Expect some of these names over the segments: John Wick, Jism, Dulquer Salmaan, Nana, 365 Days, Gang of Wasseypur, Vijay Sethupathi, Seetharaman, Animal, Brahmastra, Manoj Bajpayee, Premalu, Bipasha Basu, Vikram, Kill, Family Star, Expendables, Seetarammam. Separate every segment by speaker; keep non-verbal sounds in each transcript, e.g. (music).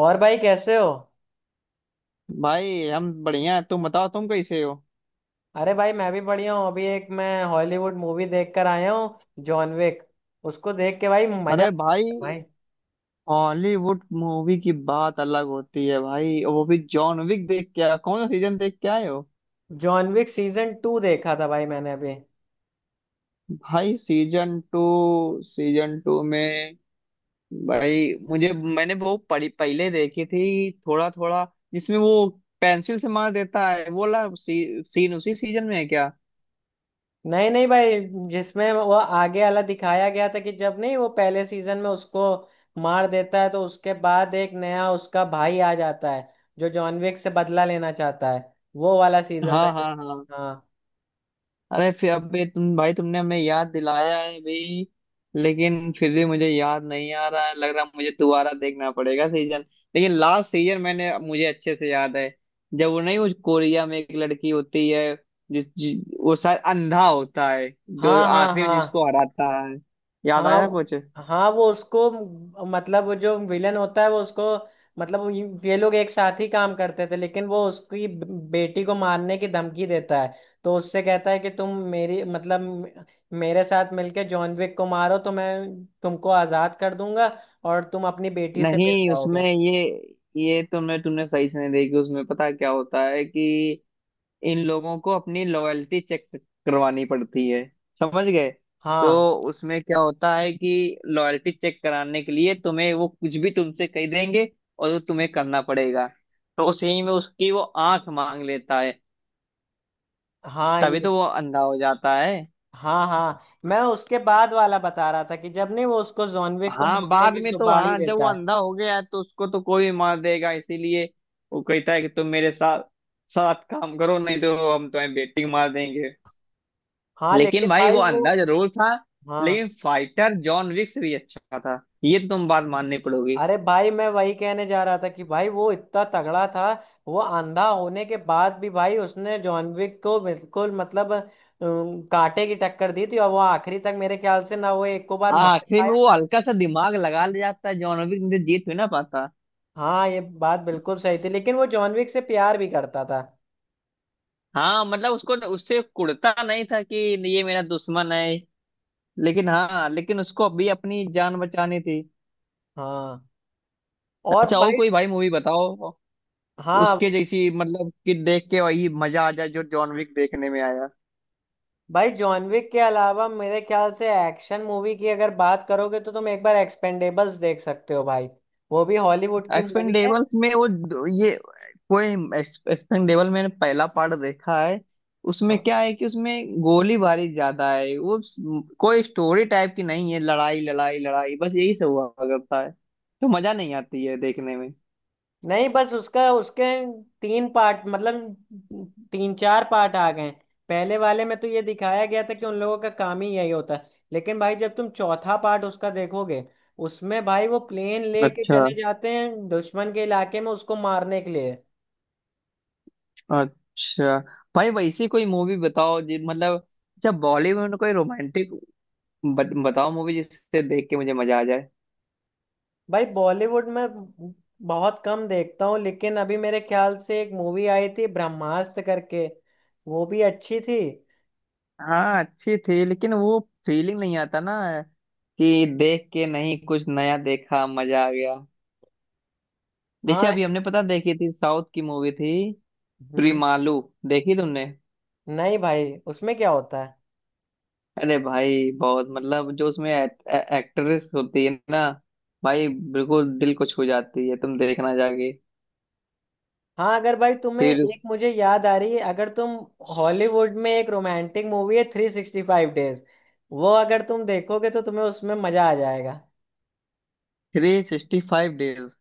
Speaker 1: और भाई कैसे हो।
Speaker 2: भाई, हम बढ़िया हैं। तुम बताओ, तुम कैसे हो?
Speaker 1: अरे भाई मैं भी बढ़िया हूँ अभी एक मैं हॉलीवुड मूवी देख कर आया हूँ जॉन विक। उसको देख के भाई मजा आ
Speaker 2: अरे भाई,
Speaker 1: गया भाई।
Speaker 2: हॉलीवुड मूवी की बात अलग होती है भाई। वो भी जॉन विक देख के आया, कौन सा सीजन देख के आए हो?
Speaker 1: जॉन विक सीजन टू देखा था भाई मैंने अभी।
Speaker 2: भाई सीजन टू। सीजन टू में भाई मुझे मैंने वो पड़ी पहले देखी थी, थोड़ा थोड़ा। जिसमें वो पेंसिल से मार देता है, वो वाला सीन उसी सीजन में है क्या?
Speaker 1: नहीं, नहीं, भाई। जिसमें वो आगे वाला दिखाया गया था कि जब नहीं वो पहले सीजन में उसको मार देता है तो उसके बाद एक नया उसका भाई आ जाता है जो जॉन विक से बदला लेना चाहता है। वो वाला सीजन था
Speaker 2: हाँ, हाँ, हाँ।
Speaker 1: हाँ,
Speaker 2: अरे फिर अबे तुम भाई तुमने हमें याद दिलाया है भाई। लेकिन फिर भी मुझे याद नहीं आ रहा है। लग रहा है मुझे दोबारा देखना पड़ेगा सीजन। लेकिन लास्ट सीजन मैंने मुझे अच्छे से याद है। जब वो नहीं, उस कोरिया में एक लड़की होती है। वो शायद अंधा होता है। जो
Speaker 1: हाँ, हाँ।
Speaker 2: आखिरी में
Speaker 1: हाँ,
Speaker 2: जिसको हराता है। याद
Speaker 1: हाँ,
Speaker 2: आया कुछ?
Speaker 1: हाँ, वो उसको मतलब वो जो विलन होता है वो उसको मतलब ये लोग एक साथ ही काम करते थे लेकिन वो उसकी बेटी को मारने की धमकी देता है। तो उससे कहता है कि तुम मेरी मतलब मेरे साथ मिलके जॉन विक को मारो तो मैं तुमको आजाद कर दूंगा और तुम अपनी बेटी से मिल
Speaker 2: नहीं उसमें
Speaker 1: पाओगे।
Speaker 2: ये तुमने तुमने सही से नहीं देखी। उसमें पता क्या होता है कि इन लोगों को अपनी लॉयल्टी चेक करवानी पड़ती है। समझ गए? तो
Speaker 1: हाँ,
Speaker 2: उसमें क्या होता है कि लॉयल्टी चेक कराने के लिए तुम्हें वो कुछ भी तुमसे कह देंगे। और वो तुम्हें करना पड़ेगा। तो उस ही में उसकी वो आंख मांग लेता है।
Speaker 1: हाँ,
Speaker 2: तभी
Speaker 1: ये।
Speaker 2: तो वो अंधा हो जाता है।
Speaker 1: हाँ, हाँ, मैं उसके बाद वाला बता रहा था कि जब नहीं वो उसको जॉन विक को
Speaker 2: हाँ
Speaker 1: मारने
Speaker 2: बाद
Speaker 1: की
Speaker 2: में तो,
Speaker 1: सुपारी
Speaker 2: हाँ, जब वो
Speaker 1: देता है।
Speaker 2: अंधा हो गया है, तो उसको तो कोई मार देगा, इसीलिए वो कहता है कि तुम मेरे साथ साथ काम करो, नहीं तो हम तुम्हें बेटिंग मार देंगे।
Speaker 1: हाँ
Speaker 2: लेकिन
Speaker 1: लेकिन
Speaker 2: भाई
Speaker 1: भाई
Speaker 2: वो
Speaker 1: वो।
Speaker 2: अंधा जरूर था।
Speaker 1: हाँ।
Speaker 2: लेकिन फाइटर जॉन विक्स भी अच्छा था, ये तो तुम बात माननी पड़ोगी।
Speaker 1: अरे भाई मैं वही कहने जा रहा था कि भाई वो इतना तगड़ा था। वो अंधा होने के बाद भी भाई उसने जॉन विक को बिल्कुल मतलब कांटे की टक्कर दी थी और वो आखिरी तक मेरे ख्याल से ना वो एक को बार मार
Speaker 2: आखिरी में
Speaker 1: पाया
Speaker 2: वो
Speaker 1: था।
Speaker 2: हल्का सा दिमाग लगा ले जाता है जॉन विक, नहीं तो जीत भी ना पाता।
Speaker 1: हाँ ये बात बिल्कुल सही थी लेकिन वो जॉन विक से प्यार भी करता था।
Speaker 2: हाँ मतलब उसको तो, उससे कुड़ता नहीं था कि ये मेरा दुश्मन है। लेकिन हाँ, लेकिन उसको अभी अपनी जान बचानी थी।
Speaker 1: हाँ। और
Speaker 2: अच्छा, और
Speaker 1: भाई।
Speaker 2: कोई भाई मूवी बताओ।
Speaker 1: हाँ।
Speaker 2: उसके जैसी, मतलब कि देख के वही मजा आ जाए जो जॉन विक देखने में आया।
Speaker 1: भाई जॉन विक के अलावा मेरे ख्याल से एक्शन मूवी की अगर बात करोगे तो तुम एक बार एक्सपेंडेबल्स देख सकते हो भाई। वो भी हॉलीवुड की मूवी है।
Speaker 2: एक्सपेंडेबल्स में वो ये कोई एक्सपेंडेबल, मैंने पहला पार्ट देखा है। उसमें
Speaker 1: हाँ।
Speaker 2: क्या है कि उसमें गोलीबारी ज्यादा है। वो कोई स्टोरी टाइप की नहीं है। लड़ाई लड़ाई लड़ाई बस यही सब हुआ करता है, तो मजा नहीं आती है देखने में।
Speaker 1: नहीं बस उसका उसके तीन पार्ट मतलब तीन चार पार्ट आ गए हैं। पहले वाले में तो ये दिखाया गया था कि उन लोगों का काम ही यही होता है लेकिन भाई जब तुम चौथा पार्ट उसका देखोगे उसमें भाई वो प्लेन लेके
Speaker 2: अच्छा।
Speaker 1: चले जाते हैं दुश्मन के इलाके में उसको मारने के लिए।
Speaker 2: अच्छा भाई, वैसी कोई मूवी बताओ जी, मतलब, अच्छा बॉलीवुड में कोई रोमांटिक बताओ मूवी, जिससे देख के मुझे मजा आ जाए।
Speaker 1: भाई बॉलीवुड में बहुत कम देखता हूँ लेकिन अभी मेरे ख्याल से एक मूवी आई थी ब्रह्मास्त्र करके। वो भी अच्छी थी।
Speaker 2: हाँ अच्छी थी, लेकिन वो फीलिंग नहीं आता ना, कि देख के नहीं कुछ नया देखा, मजा आ गया। जैसे
Speaker 1: हाँ।
Speaker 2: अभी हमने पता देखी थी, साउथ की मूवी थी
Speaker 1: हम्म।
Speaker 2: प्रीमालू। देखी तुमने?
Speaker 1: नहीं भाई उसमें क्या होता है।
Speaker 2: अरे भाई बहुत, मतलब जो उसमें एक्ट्रेस होती है ना भाई, बिल्कुल दिल को छू जाती है। तुम देखना जाके।
Speaker 1: हाँ अगर भाई तुम्हें
Speaker 2: फिर,
Speaker 1: एक मुझे याद आ रही है अगर तुम हॉलीवुड में एक रोमांटिक मूवी है 365 Days। वो अगर तुम देखोगे तो तुम्हें उसमें मजा आ जाएगा।
Speaker 2: 365 डेज।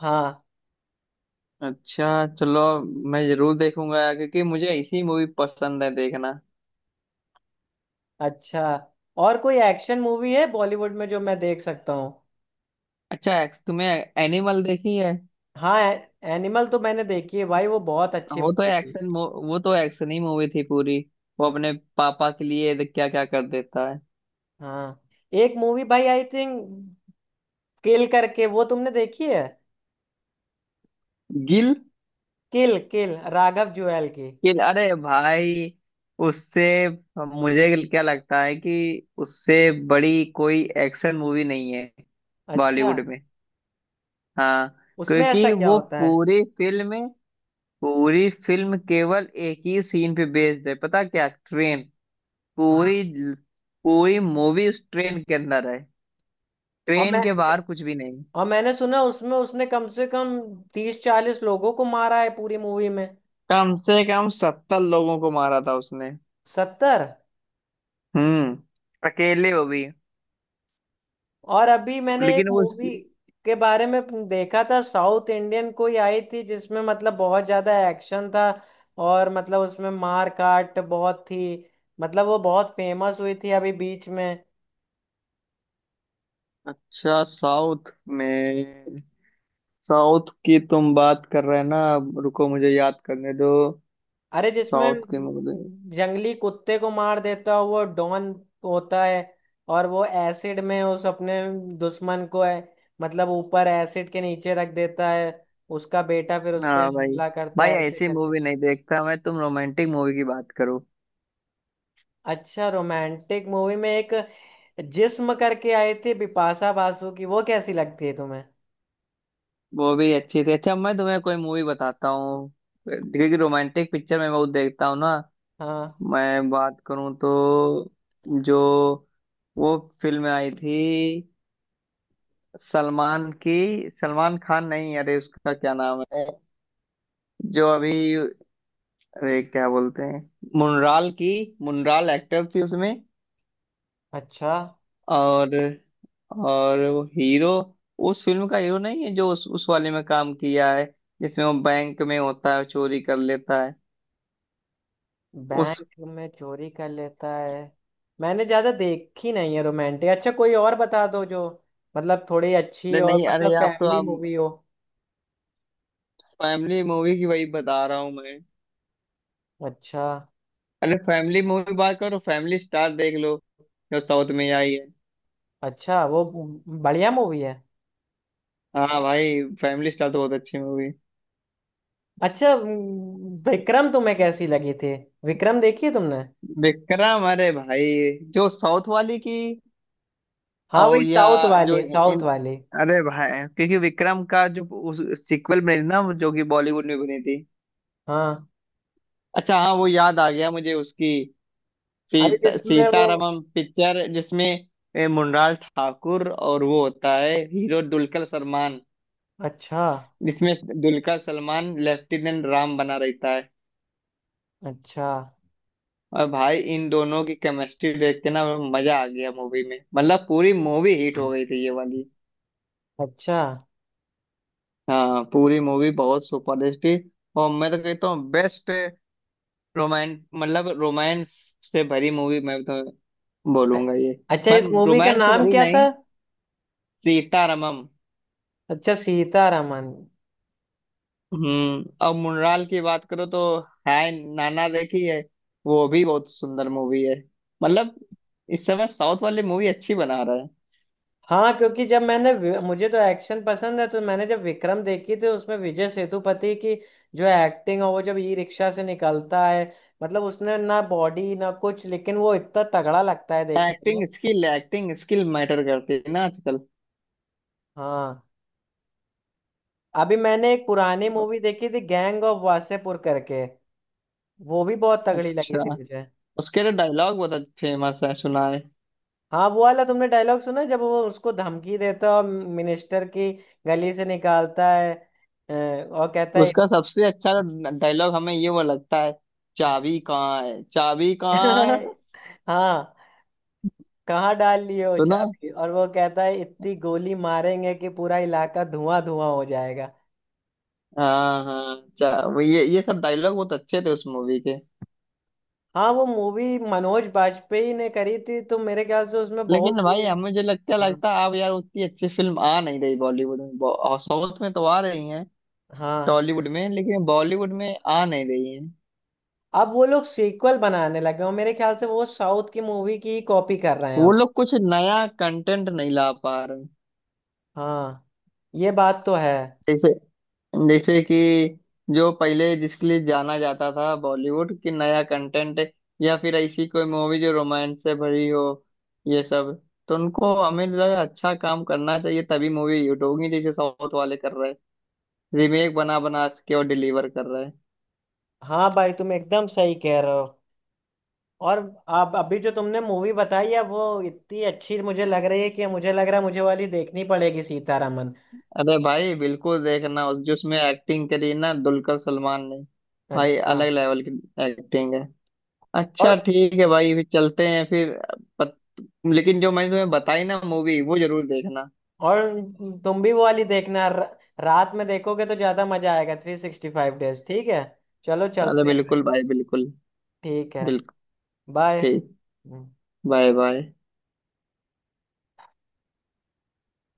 Speaker 1: हाँ।
Speaker 2: अच्छा। चलो, मैं जरूर देखूंगा यार, क्योंकि मुझे इसी मूवी पसंद है देखना।
Speaker 1: अच्छा और कोई एक्शन मूवी है बॉलीवुड में जो मैं देख सकता हूँ।
Speaker 2: अच्छा तुमने एनिमल देखी है?
Speaker 1: हाँ। एनिमल तो मैंने देखी है भाई वो बहुत अच्छी मूवी थी।
Speaker 2: वो तो एक्शन ही मूवी थी पूरी। वो
Speaker 1: हम्म,
Speaker 2: अपने पापा के लिए क्या क्या कर देता है।
Speaker 1: हाँ। एक मूवी भाई आई थिंक किल करके वो तुमने देखी है।
Speaker 2: Kill.
Speaker 1: Kill kill Raghav Juyal की।
Speaker 2: गिल अरे भाई, उससे मुझे क्या लगता है कि उससे बड़ी कोई एक्शन मूवी नहीं है
Speaker 1: अच्छा
Speaker 2: बॉलीवुड में। हाँ,
Speaker 1: उसमें ऐसा
Speaker 2: क्योंकि
Speaker 1: क्या
Speaker 2: वो
Speaker 1: होता है।
Speaker 2: पूरी फिल्म केवल एक ही सीन पे बेस्ड है, पता क्या? ट्रेन।
Speaker 1: हाँ।
Speaker 2: पूरी पूरी मूवी उस ट्रेन के अंदर है।
Speaker 1: और
Speaker 2: ट्रेन
Speaker 1: मैं
Speaker 2: के बाहर कुछ भी नहीं।
Speaker 1: और मैंने सुना उसमें उसने कम से कम 30-40 लोगों को मारा है पूरी मूवी में।
Speaker 2: कम से कम 70 लोगों को मारा था उसने।
Speaker 1: 70।
Speaker 2: हम्म। अकेले वो भी।
Speaker 1: और अभी मैंने एक
Speaker 2: लेकिन वो उसकी...
Speaker 1: मूवी के बारे में देखा था साउथ इंडियन कोई आई थी जिसमें मतलब बहुत ज्यादा एक्शन था और मतलब उसमें मार काट बहुत थी मतलब वो बहुत फेमस हुई थी अभी बीच में।
Speaker 2: अच्छा, में साउथ की तुम बात कर रहे हैं ना? अब रुको, मुझे याद करने दो।
Speaker 1: अरे जिसमें
Speaker 2: साउथ की मूवी।
Speaker 1: जंगली कुत्ते को मार देता है वो डॉन होता है और वो एसिड में उस अपने दुश्मन को है मतलब ऊपर एसिड के नीचे रख देता है उसका बेटा फिर उस पे
Speaker 2: हाँ भाई,
Speaker 1: हमला करता
Speaker 2: भाई
Speaker 1: है ऐसे
Speaker 2: ऐसी
Speaker 1: करके।
Speaker 2: मूवी नहीं देखता मैं, तुम रोमांटिक मूवी की बात करो।
Speaker 1: अच्छा रोमांटिक मूवी में एक जिस्म करके आई थी बिपाशा बासु की वो कैसी लगती है तुम्हें।
Speaker 2: वो भी अच्छी थी। अच्छा मैं तुम्हें कोई मूवी बताता हूँ, क्योंकि रोमांटिक पिक्चर मैं बहुत देखता हूँ ना।
Speaker 1: हाँ।
Speaker 2: मैं बात करूँ तो, जो वो फिल्म आई थी सलमान की, सलमान खान नहीं, अरे उसका क्या नाम है जो अभी, अरे क्या बोलते हैं, मुनराल की, मुनराल एक्टर थी उसमें।
Speaker 1: अच्छा
Speaker 2: और और वो हीरो, उस फिल्म का हीरो, नहीं है जो उस वाले में काम किया है, जिसमें वो बैंक में होता है, चोरी कर लेता है उस...
Speaker 1: बैंक में चोरी कर लेता है। मैंने ज्यादा देखी नहीं है रोमांटिक अच्छा कोई और बता दो जो मतलब थोड़ी अच्छी
Speaker 2: अरे
Speaker 1: और
Speaker 2: नहीं, अरे
Speaker 1: मतलब फैमिली
Speaker 2: आप
Speaker 1: मूवी हो।
Speaker 2: फैमिली मूवी की वही बता रहा हूँ मैं।
Speaker 1: अच्छा।
Speaker 2: अरे फैमिली मूवी बात करो, फैमिली स्टार देख लो जो साउथ में आई है।
Speaker 1: अच्छा वो बढ़िया मूवी है।
Speaker 2: हाँ भाई, फैमिली स्टार तो बहुत अच्छी मूवी।
Speaker 1: अच्छा विक्रम तुम्हें कैसी लगी थी। विक्रम देखी है तुमने।
Speaker 2: विक्रम? अरे भाई जो साउथ वाली की,
Speaker 1: हाँ
Speaker 2: और
Speaker 1: वही
Speaker 2: या
Speaker 1: साउथ
Speaker 2: जो
Speaker 1: वाली साउथ
Speaker 2: इन,
Speaker 1: वाली।
Speaker 2: अरे भाई, क्योंकि विक्रम का जो उस सीक्वल बनी थी ना, जो कि बॉलीवुड में बनी थी।
Speaker 1: हाँ।
Speaker 2: अच्छा हाँ, वो याद आ गया मुझे, उसकी
Speaker 1: अरे जिसमें वो।
Speaker 2: सीतारामम पिक्चर, जिसमें मुनलाल ठाकुर और वो होता है हीरो दुलकर सलमान।
Speaker 1: अच्छा।
Speaker 2: जिसमें दुलकर सलमान लेफ्टिनेंट राम बना रहता है।
Speaker 1: अच्छा।
Speaker 2: और भाई इन दोनों की केमिस्ट्री देख के ना, मजा आ गया मूवी में, मतलब पूरी मूवी हिट हो गई थी ये वाली।
Speaker 1: अच्छा।
Speaker 2: हाँ, पूरी मूवी बहुत सुपरहिट थी। और मैं तो कहता हूँ बेस्ट रोमांस, मतलब रोमांस से भरी मूवी मैं तो
Speaker 1: अ-
Speaker 2: बोलूंगा ये।
Speaker 1: अच्छा
Speaker 2: मैं
Speaker 1: इस मूवी का
Speaker 2: रोमांस से
Speaker 1: नाम
Speaker 2: भरी
Speaker 1: क्या था।
Speaker 2: नहीं, सीतारमम।
Speaker 1: अच्छा सीतारामन।
Speaker 2: हम्म। और मुनराल की बात करो तो, है नाना देखी है? वो भी बहुत सुंदर मूवी है। मतलब, इस समय साउथ वाली मूवी अच्छी बना रहे
Speaker 1: हाँ क्योंकि जब मैंने मुझे तो एक्शन पसंद है तो मैंने जब विक्रम देखी थी उसमें विजय सेतुपति की जो एक्टिंग है वो जब ई रिक्शा से निकलता है मतलब उसने ना बॉडी ना कुछ लेकिन वो इतना तगड़ा लगता है
Speaker 2: हैं।
Speaker 1: देखने में।
Speaker 2: एक्टिंग स्किल मैटर करती है ना आजकल।
Speaker 1: हाँ। अभी मैंने एक पुरानी मूवी देखी थी गैंग ऑफ वासेपुर करके। वो भी बहुत तगड़ी लगी थी
Speaker 2: अच्छा,
Speaker 1: मुझे।
Speaker 2: उसके तो डायलॉग बहुत फेमस है, सुना है।
Speaker 1: हाँ वो वाला तुमने डायलॉग सुना है? जब वो उसको धमकी देता है और मिनिस्टर की गली से निकालता है और कहता है।
Speaker 2: उसका सबसे अच्छा डायलॉग हमें ये वो लगता है, चाबी कहाँ है, चाबी कहाँ है?
Speaker 1: (laughs) हाँ। कहाँ डाल लिए हो
Speaker 2: सुना है?
Speaker 1: चाबी और वो कहता है इतनी गोली मारेंगे कि पूरा इलाका धुआं धुआं हो जाएगा।
Speaker 2: हाँ हाँ, वो ये सब डायलॉग बहुत अच्छे थे उस मूवी के।
Speaker 1: हाँ वो मूवी मनोज बाजपेयी ने करी थी तो मेरे ख्याल से उसमें बहुत
Speaker 2: लेकिन भाई
Speaker 1: वो।
Speaker 2: हमें जो लगता
Speaker 1: हाँ।
Speaker 2: लगता है, अब यार उतनी अच्छी फिल्म आ नहीं रही बॉलीवुड में, और साउथ में तो आ रही हैं,
Speaker 1: हाँ।
Speaker 2: टॉलीवुड में, लेकिन बॉलीवुड में आ नहीं रही हैं।
Speaker 1: अब वो लोग सीक्वल बनाने लगे हो मेरे ख्याल से वो साउथ की मूवी की ही कॉपी कर रहे हैं
Speaker 2: वो
Speaker 1: अब।
Speaker 2: लोग कुछ नया कंटेंट नहीं ला पा रहे।
Speaker 1: हाँ ये बात तो है।
Speaker 2: जैसे जैसे कि जो पहले जिसके लिए जाना जाता था बॉलीवुड की, नया कंटेंट या फिर ऐसी कोई मूवी जो रोमांस से भरी हो, ये सब। तो उनको हमें लगा अच्छा काम करना चाहिए, तभी मूवी हिट होगी, जैसे साउथ वाले कर रहे हैं, रीमेक बना बना के और डिलीवर कर रहे हैं।
Speaker 1: हाँ भाई तुम एकदम सही कह रहे हो। और आप अभी जो तुमने मूवी बताई है वो इतनी अच्छी मुझे लग रही है कि मुझे लग रहा है मुझे वाली देखनी पड़ेगी सीतारामन।
Speaker 2: अरे भाई बिल्कुल देखना उस, जिसमें एक्टिंग करी ना दुलकर सलमान ने। भाई
Speaker 1: अच्छा।
Speaker 2: अलग लेवल की एक्टिंग है। अच्छा
Speaker 1: और।
Speaker 2: ठीक है भाई, फिर चलते हैं फिर। पत... लेकिन जो मैंने तुम्हें बताई ना मूवी, वो जरूर देखना।
Speaker 1: और तुम भी वो वाली देखना रात में देखोगे तो ज्यादा मजा आएगा 365 Days ठीक है। चलो
Speaker 2: अरे
Speaker 1: चलते हैं
Speaker 2: बिल्कुल
Speaker 1: फिर।
Speaker 2: भाई, बिल्कुल,
Speaker 1: ठीक है।
Speaker 2: बिल्कुल।
Speaker 1: बाय।
Speaker 2: ठीक। Bye, bye.